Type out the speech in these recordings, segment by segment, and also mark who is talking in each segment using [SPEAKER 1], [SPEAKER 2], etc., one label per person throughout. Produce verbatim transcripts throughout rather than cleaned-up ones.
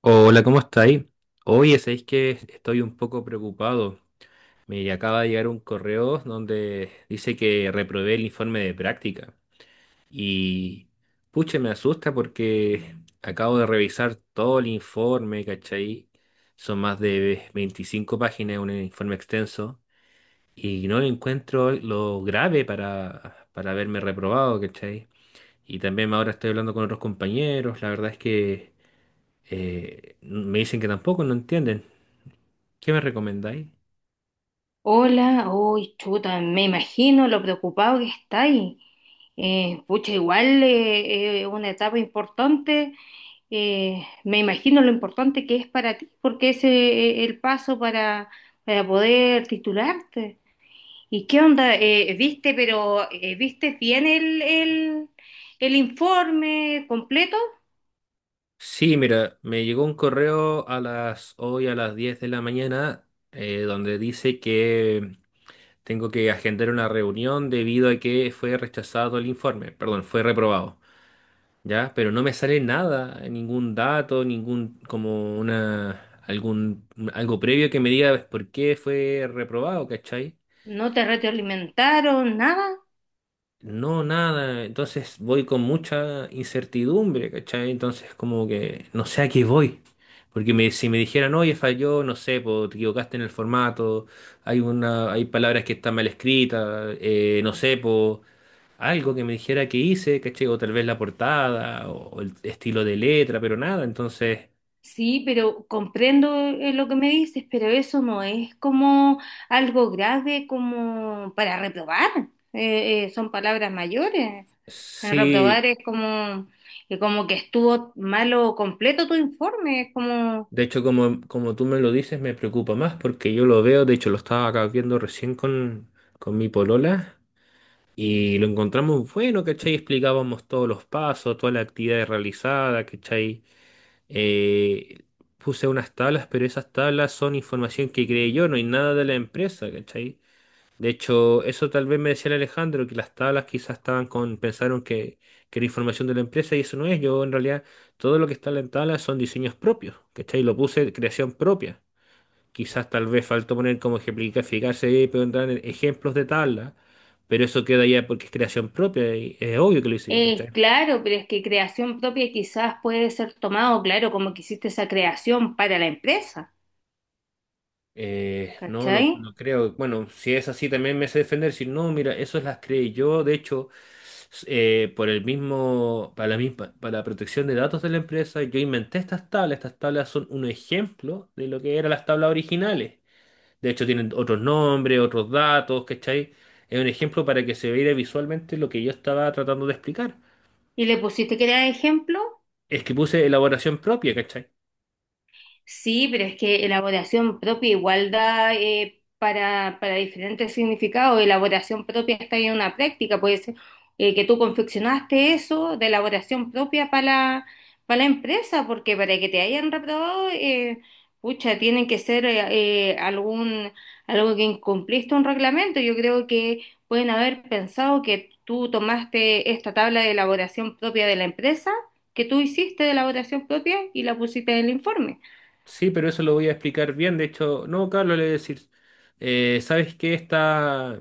[SPEAKER 1] Hola, ¿cómo estáis? Oye, sabéis que estoy un poco preocupado. Me acaba de llegar un correo donde dice que reprobé el informe de práctica. Y pucha, me asusta porque acabo de revisar todo el informe, ¿cachai? Son más de veinticinco páginas, un informe extenso. Y no le encuentro lo grave para, para haberme reprobado, ¿cachai? Y también ahora estoy hablando con otros compañeros. La verdad es que Eh, me dicen que tampoco, no entienden. ¿Qué me recomendáis?
[SPEAKER 2] Hola, uy, chuta, me imagino lo preocupado que estáis. Eh, pucha, igual eh, es una etapa importante. Eh, me imagino lo importante que es para ti, porque ese es el paso para, para poder titularte. ¿Y qué onda? Eh, ¿viste, pero eh, viste bien el, el, el informe completo?
[SPEAKER 1] Sí, mira, me llegó un correo a las hoy a las diez de la mañana eh, donde dice que tengo que agendar una reunión debido a que fue rechazado el informe, perdón, fue reprobado, ¿ya? Pero no me sale nada, ningún dato, ningún como una algún algo previo que me diga por qué fue reprobado, ¿cachai?
[SPEAKER 2] ¿No te retroalimentaron nada?
[SPEAKER 1] No, nada. Entonces voy con mucha incertidumbre, ¿cachai? Entonces como que no sé a qué voy. Porque me- si me dijeran, oye, falló, no sé, po, te equivocaste en el formato, hay una, hay palabras que están mal escritas, eh, no sé, po, algo que me dijera que hice, ¿cachai? O tal vez la portada, o, o el estilo de letra, pero nada. Entonces,
[SPEAKER 2] Sí, pero comprendo eh, lo que me dices, pero eso no es como algo grave como para reprobar. Eh, eh, son palabras mayores. Eh,
[SPEAKER 1] sí,
[SPEAKER 2] Reprobar es como, eh, como que estuvo malo completo tu informe. Es como,
[SPEAKER 1] de hecho, como, como tú me lo dices, me preocupa más porque yo lo veo, de hecho, lo estaba acá viendo recién con, con mi polola. Y lo encontramos bueno, ¿cachai? Explicábamos todos los pasos, toda la actividad realizada, ¿cachai? Eh, puse unas tablas, pero esas tablas son información que creé yo, no hay nada de la empresa, ¿cachai? De hecho, eso tal vez me decía el Alejandro, que las tablas quizás estaban con, pensaron que, que era información de la empresa y eso no es. Yo en realidad todo lo que está en la tabla son diseños propios, ¿cachai? Lo puse creación propia. Quizás tal vez faltó poner como ejemplificarse y preguntar en ejemplos de tabla, pero eso queda ya porque es creación propia y es obvio que lo hice yo, ¿cachai?
[SPEAKER 2] eh, claro, pero es que creación propia quizás puede ser tomado, claro, como que hiciste esa creación para la empresa,
[SPEAKER 1] Eh, no,
[SPEAKER 2] ¿cachai?
[SPEAKER 1] no, no creo. Bueno, si es así también me sé defender, si no, mira, eso las creé yo, de hecho, s- eh, por el mismo, para la misma, para la protección de datos de la empresa, yo inventé estas tablas, estas tablas son un ejemplo de lo que eran las tablas originales. De hecho, tienen otros nombres, otros datos, ¿cachai? Es un ejemplo para que se vea visualmente lo que yo estaba tratando de explicar.
[SPEAKER 2] Y le pusiste que era ejemplo.
[SPEAKER 1] Es que puse elaboración propia, ¿cachai?
[SPEAKER 2] Sí, pero es que elaboración propia igual da eh, para, para diferentes significados. Elaboración propia está en una práctica, puede ser eh, que tú confeccionaste eso de elaboración propia para la, para la empresa, porque para que te hayan reprobado, eh, pucha, tienen que ser eh, eh, algún, algo que incumpliste un reglamento. Yo creo que pueden haber pensado que tú tomaste esta tabla de elaboración propia de la empresa, que tú hiciste de elaboración propia y la pusiste en el informe.
[SPEAKER 1] Sí, pero eso lo voy a explicar bien. De hecho, no, Carlos, le voy a decir, eh, ¿sabes qué? Esta,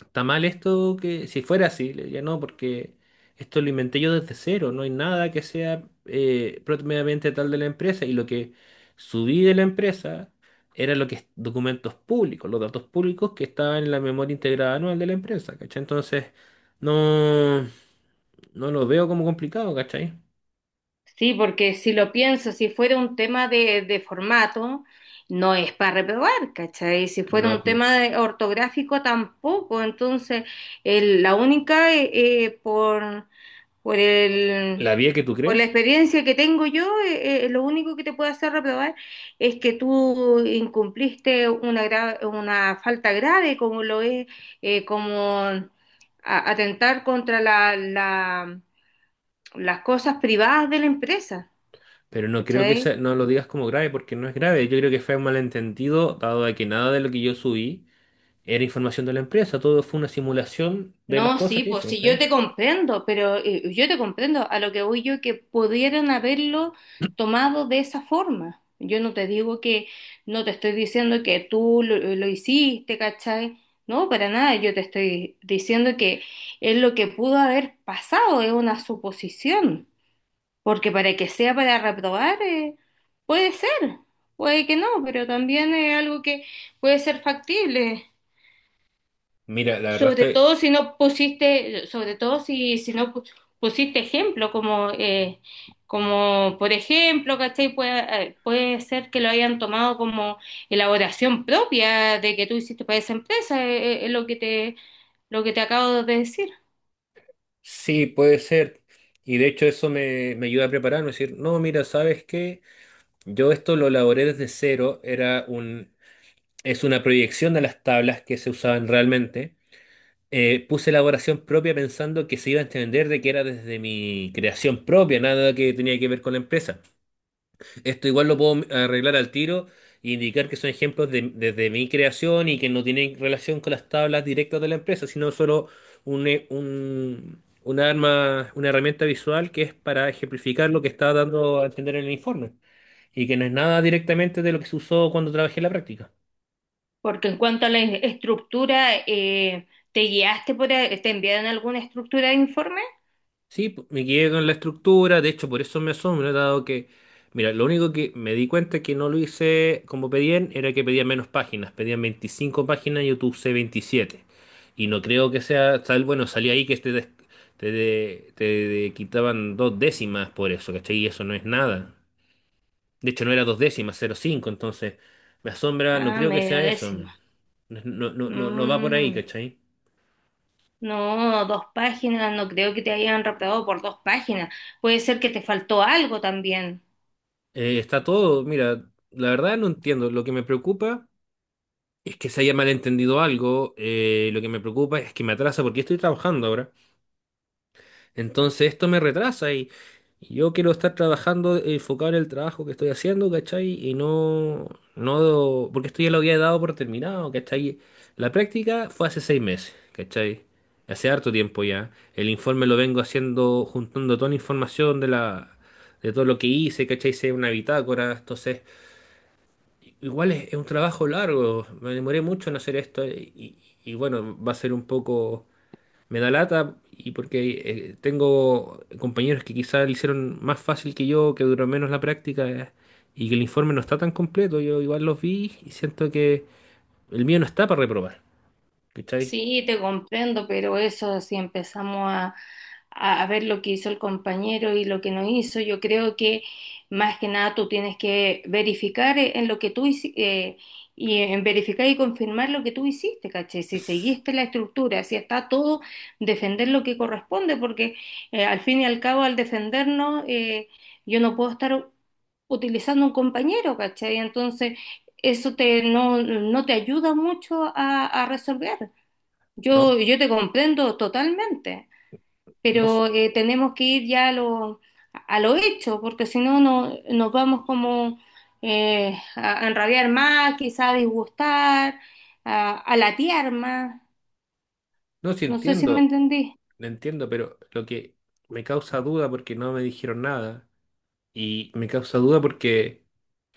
[SPEAKER 1] ¿Está mal esto que si fuera así? Le diría, no, porque esto lo inventé yo desde cero, no hay nada que sea eh, propiamente tal de la empresa y lo que subí de la empresa era lo que es documentos públicos, los datos públicos que estaban en la memoria integrada anual de la empresa, ¿cachai? Entonces, no, no lo veo como complicado, ¿cachai?
[SPEAKER 2] Sí, porque si lo pienso, si fuera un tema de, de formato, no es para reprobar, ¿cachai? Si fuera un
[SPEAKER 1] No,
[SPEAKER 2] tema de- ortográfico, tampoco. Entonces, el- la única, eh, eh, por, por el,
[SPEAKER 1] la vía que tú
[SPEAKER 2] por la
[SPEAKER 1] crees,
[SPEAKER 2] experiencia que tengo yo, eh, eh, lo único que te puede hacer reprobar es que tú incumpliste una, gra- una falta grave, como lo es, eh, como a- atentar contra la- la- las cosas privadas de la empresa.
[SPEAKER 1] pero no creo que
[SPEAKER 2] ¿Cachai?
[SPEAKER 1] sea- no lo digas como grave porque no es grave, yo creo que fue un malentendido dado de que nada de lo que yo subí era información de la empresa, todo fue una simulación de las
[SPEAKER 2] No,
[SPEAKER 1] cosas
[SPEAKER 2] sí,
[SPEAKER 1] que
[SPEAKER 2] pues
[SPEAKER 1] hice.
[SPEAKER 2] sí, yo te
[SPEAKER 1] ¿Entendés?
[SPEAKER 2] comprendo, pero eh, yo te comprendo, a lo que voy yo que pudieran haberlo tomado de esa forma. Yo no te digo que, no te estoy diciendo que tú lo, lo hiciste, ¿cachai? No, para nada, yo te estoy diciendo que es lo que pudo haber pasado, es una suposición, porque para que sea para reprobar, eh, puede ser, puede que no, pero también es algo que puede ser factible.
[SPEAKER 1] Mira, la verdad
[SPEAKER 2] Sobre
[SPEAKER 1] está,
[SPEAKER 2] todo si no pusiste, sobre todo si, si no pu- pusiste ejemplo, como, eh, como por ejemplo, ¿cachai? Puede, eh, puede ser que lo hayan tomado como elaboración propia de que tú hiciste para esa empresa, eh, eh, es lo que te, lo que te acabo de decir.
[SPEAKER 1] sí, puede ser. Y de hecho eso me, me ayuda a prepararme, es decir, no, mira, ¿sabes qué? Yo esto lo elaboré desde cero, era un, es una proyección de las tablas que se usaban realmente. Eh, puse elaboración propia pensando que se iba a entender de que era desde mi creación propia, nada que tenía que ver con la empresa. Esto igual lo puedo arreglar al tiro e indicar que son ejemplos de- desde mi creación y que no tienen relación con las tablas directas de la empresa, sino solo un, e- un- una arma, una herramienta visual que es para ejemplificar lo que está dando a entender en el informe y que no es nada directamente de lo que se usó cuando trabajé en la práctica.
[SPEAKER 2] Porque en cuanto a la e- estructura, eh, ¿te guiaste por, a- te enviaron alguna estructura de informe?
[SPEAKER 1] Sí, pu- me quedé con la estructura, de hecho por eso me asombra, dado que, mira, lo único que me di cuenta que no lo hice como pedían era que pedían menos páginas, pedían veinticinco páginas y yo tu usé veintisiete. Y no creo que sea tal, bueno, salía ahí que te, des- te, de- te de- quitaban dos décimas por eso, ¿cachai? Y eso no es nada. De hecho no era dos décimas, cero coma cinco. Entonces me asombra, no
[SPEAKER 2] Ah,
[SPEAKER 1] creo que sea
[SPEAKER 2] media
[SPEAKER 1] eso.
[SPEAKER 2] décima.
[SPEAKER 1] No, no, no, no no va por ahí,
[SPEAKER 2] Mm.
[SPEAKER 1] ¿cachai?
[SPEAKER 2] No, dos páginas, no creo que te hayan raptado por dos páginas. Puede ser que te faltó algo también.
[SPEAKER 1] Eh, está todo, mira, la verdad no entiendo, lo que me preocupa... Es que se haya malentendido algo, eh, lo que me preocupa es que me atrasa porque estoy trabajando ahora. Entonces esto me retrasa y, y yo quiero estar trabajando, eh, enfocado en el trabajo que estoy haciendo, ¿cachai? Y no, no, porque esto ya lo había dado por terminado, ¿cachai? La práctica fue hace seis meses, ¿cachai? Hace harto tiempo ya. El informe lo vengo haciendo, juntando toda la información de la, de todo lo que hice, ¿cachai? Hice una bitácora, entonces... Igual es, es un trabajo largo, me demoré mucho en hacer esto eh, y, y bueno, va a ser un poco, me da lata y porque eh, tengo compañeros que quizás lo hicieron más fácil que yo, que duró menos la práctica, eh, y que el informe no está tan completo, yo igual los vi y siento que el mío no está para reprobar, ¿cachai?
[SPEAKER 2] Sí, te comprendo, pero eso, si empezamos a, a- a ver lo que hizo el compañero y lo que no hizo, yo creo que más que nada tú tienes que verificar eh, en lo que tú hiciste y en verificar y confirmar lo que tú hiciste, ¿cachai? Si
[SPEAKER 1] Es-
[SPEAKER 2] seguiste la estructura, si está todo, defender lo que corresponde, porque eh, al fin y al cabo, al defendernos, eh, yo no puedo estar utilizando un compañero, ¿cachai? Entonces, eso te, no, no te ayuda mucho a a resolver.
[SPEAKER 1] No,
[SPEAKER 2] Yo, yo te comprendo totalmente,
[SPEAKER 1] no, s-
[SPEAKER 2] pero eh, tenemos que ir ya a lo, a lo hecho, porque si no, no nos vamos como eh, a, a enrabiar más, quizá a disgustar, a, a latear más.
[SPEAKER 1] no si
[SPEAKER 2] No sé si me
[SPEAKER 1] entiendo,
[SPEAKER 2] entendí.
[SPEAKER 1] lo entiendo, pero lo que me causa duda porque no me dijeron nada y me causa duda porque...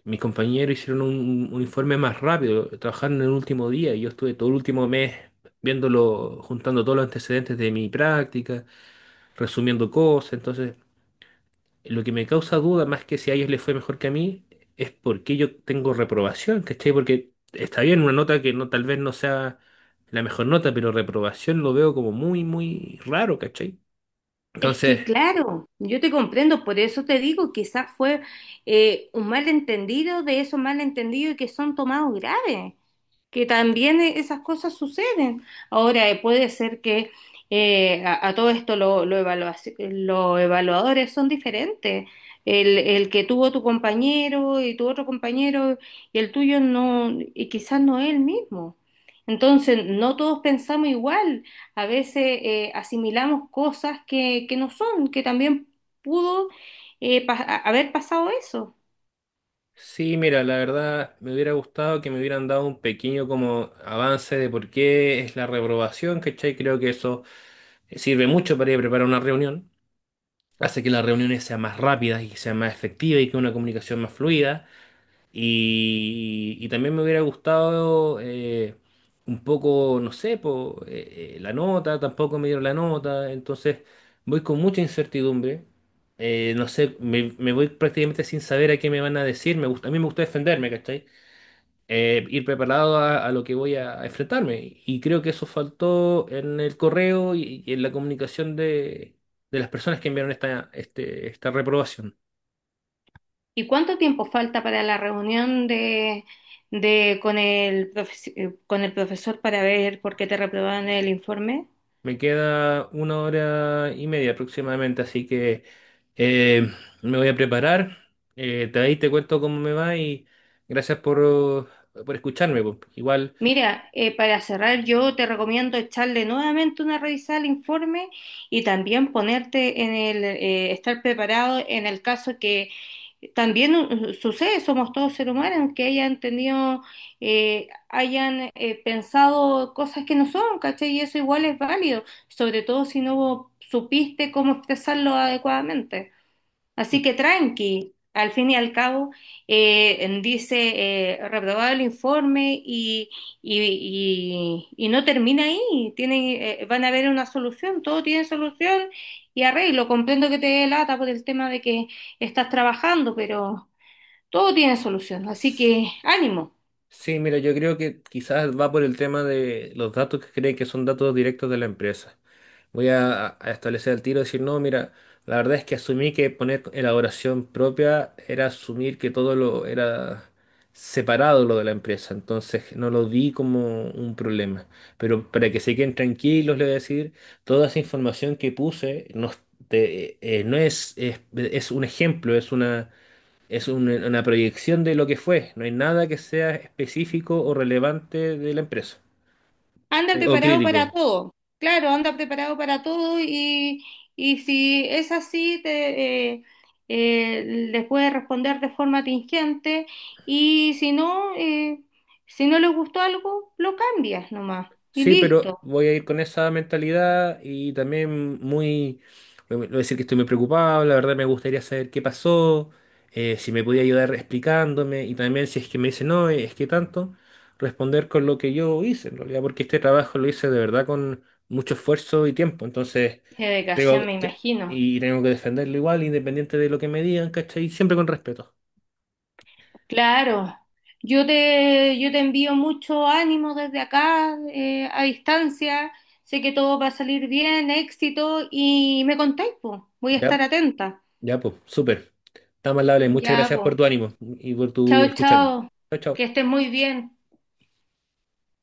[SPEAKER 1] Mis compañeros hicieron un, un informe más rápido, trabajaron en el último día y yo estuve todo el último mes viéndolo, juntando todos los antecedentes de mi práctica, resumiendo cosas. Entonces, lo que me causa duda, más que si a ellos les fue mejor que a mí, es por qué yo tengo reprobación, ¿cachai? Porque está bien una nota que no, tal vez no sea la mejor nota, pero reprobación lo veo como muy, muy raro, ¿cachai?
[SPEAKER 2] Es
[SPEAKER 1] Entonces.
[SPEAKER 2] que claro, yo te comprendo, por eso te digo, quizás fue eh, un malentendido de esos malentendidos que son tomados graves. Que también e- esas cosas suceden. Ahora, eh, puede ser que eh, a, a todo esto lo- lo evaluaci- los evaluadores son diferentes. El, el que tuvo tu compañero y tu otro compañero y el tuyo no, y quizás no es el mismo. Entonces, no todos pensamos igual. A veces eh, asimilamos cosas que, que no son, que también pudo eh, pa- haber pasado eso.
[SPEAKER 1] Sí, mira, la verdad me hubiera gustado que me hubieran dado un pequeño como avance de por qué es la reprobación, ¿cachai? Creo que eso sirve mucho para ir a preparar una reunión, hace que las reuniones sean más rápidas y sean más efectivas y que una comunicación más fluida. Y, y también me hubiera gustado eh, un poco, no sé, po, eh, eh, la nota, tampoco me dieron la nota, entonces voy con mucha incertidumbre, eh, no sé, me, me voy prácticamente sin saber a qué me van a decir. Me gusta, a mí me gusta defenderme, ¿cachai? eh, ir preparado a, a lo que voy a, a enfrentarme. Y creo que eso faltó en el correo y, y en la comunicación de, de las personas que enviaron esta, este- esta reprobación.
[SPEAKER 2] ¿Y cuánto tiempo falta para la reunión de, de con el profe- eh, con el profesor para ver por qué te reprobaron el informe?
[SPEAKER 1] Me queda una hora y media aproximadamente, así que eh, me voy a preparar. Eh, de ahí te cuento cómo me va y gracias por, por escucharme. Po. Igual.
[SPEAKER 2] Mira, eh, para cerrar, yo te recomiendo echarle nuevamente una revisada al informe y también ponerte en el, eh, estar preparado en el caso que también uh, uh, sucede, somos todos seres humanos, que hayan tenido, eh, hayan eh, pensado cosas que no son, ¿cachai? Y eso igual es válido, sobre todo si no supiste cómo expresarlo adecuadamente. Así que tranqui, al fin y al cabo, eh, dice eh, reprobado el informe y, y- y- y no termina ahí. Tiene, eh, van a haber una solución, todo tiene solución y arreglo. Comprendo que te dé lata por el tema de que estás trabajando, pero todo tiene solución. Así que ánimo.
[SPEAKER 1] Sí, mira, yo creo que quizás va por el tema de los datos que creen que son datos directos de la empresa. Voy a, a establecer el tiro y decir, no, mira, la verdad es que asumí que poner elaboración propia era asumir que todo lo era separado lo de la empresa, entonces no lo vi como un problema. Pero para que se queden tranquilos, les voy a decir, toda esa información que puse no, es- te- eh, no es, es, es un ejemplo, es una, es un- una proyección de lo que fue. No hay nada que sea específico o relevante de la empresa
[SPEAKER 2] Anda
[SPEAKER 1] eh, o
[SPEAKER 2] preparado
[SPEAKER 1] crítico.
[SPEAKER 2] para todo. Claro, anda preparado para todo y, y si es así, te, eh, eh, les puedes responder de forma tingente y si no, eh, si no les gustó algo, lo cambias nomás y
[SPEAKER 1] Sí, pero
[SPEAKER 2] listo.
[SPEAKER 1] voy a ir con esa mentalidad y también muy, voy a decir que estoy muy preocupado, la verdad me gustaría saber qué pasó, eh, si me podía ayudar explicándome y también si es que me dice no, es que tanto, responder con lo que yo hice en realidad, porque este trabajo lo hice de verdad con mucho esfuerzo y tiempo, entonces
[SPEAKER 2] Qué
[SPEAKER 1] tengo
[SPEAKER 2] me
[SPEAKER 1] te-
[SPEAKER 2] imagino.
[SPEAKER 1] y tengo que defenderlo igual, independiente de lo que me digan, ¿cachai? Siempre con respeto.
[SPEAKER 2] Claro, yo te, yo te envío mucho ánimo desde acá, eh, a distancia. Sé que todo va a salir bien, éxito y me contáis, po. Voy a estar
[SPEAKER 1] Ya,
[SPEAKER 2] atenta.
[SPEAKER 1] ya, pues, súper. Está más muchas
[SPEAKER 2] Ya,
[SPEAKER 1] gracias
[SPEAKER 2] pues.
[SPEAKER 1] por tu ánimo y por tu
[SPEAKER 2] Chao,
[SPEAKER 1] escucharme.
[SPEAKER 2] chao.
[SPEAKER 1] Chao,
[SPEAKER 2] Que
[SPEAKER 1] chao.
[SPEAKER 2] estés muy bien.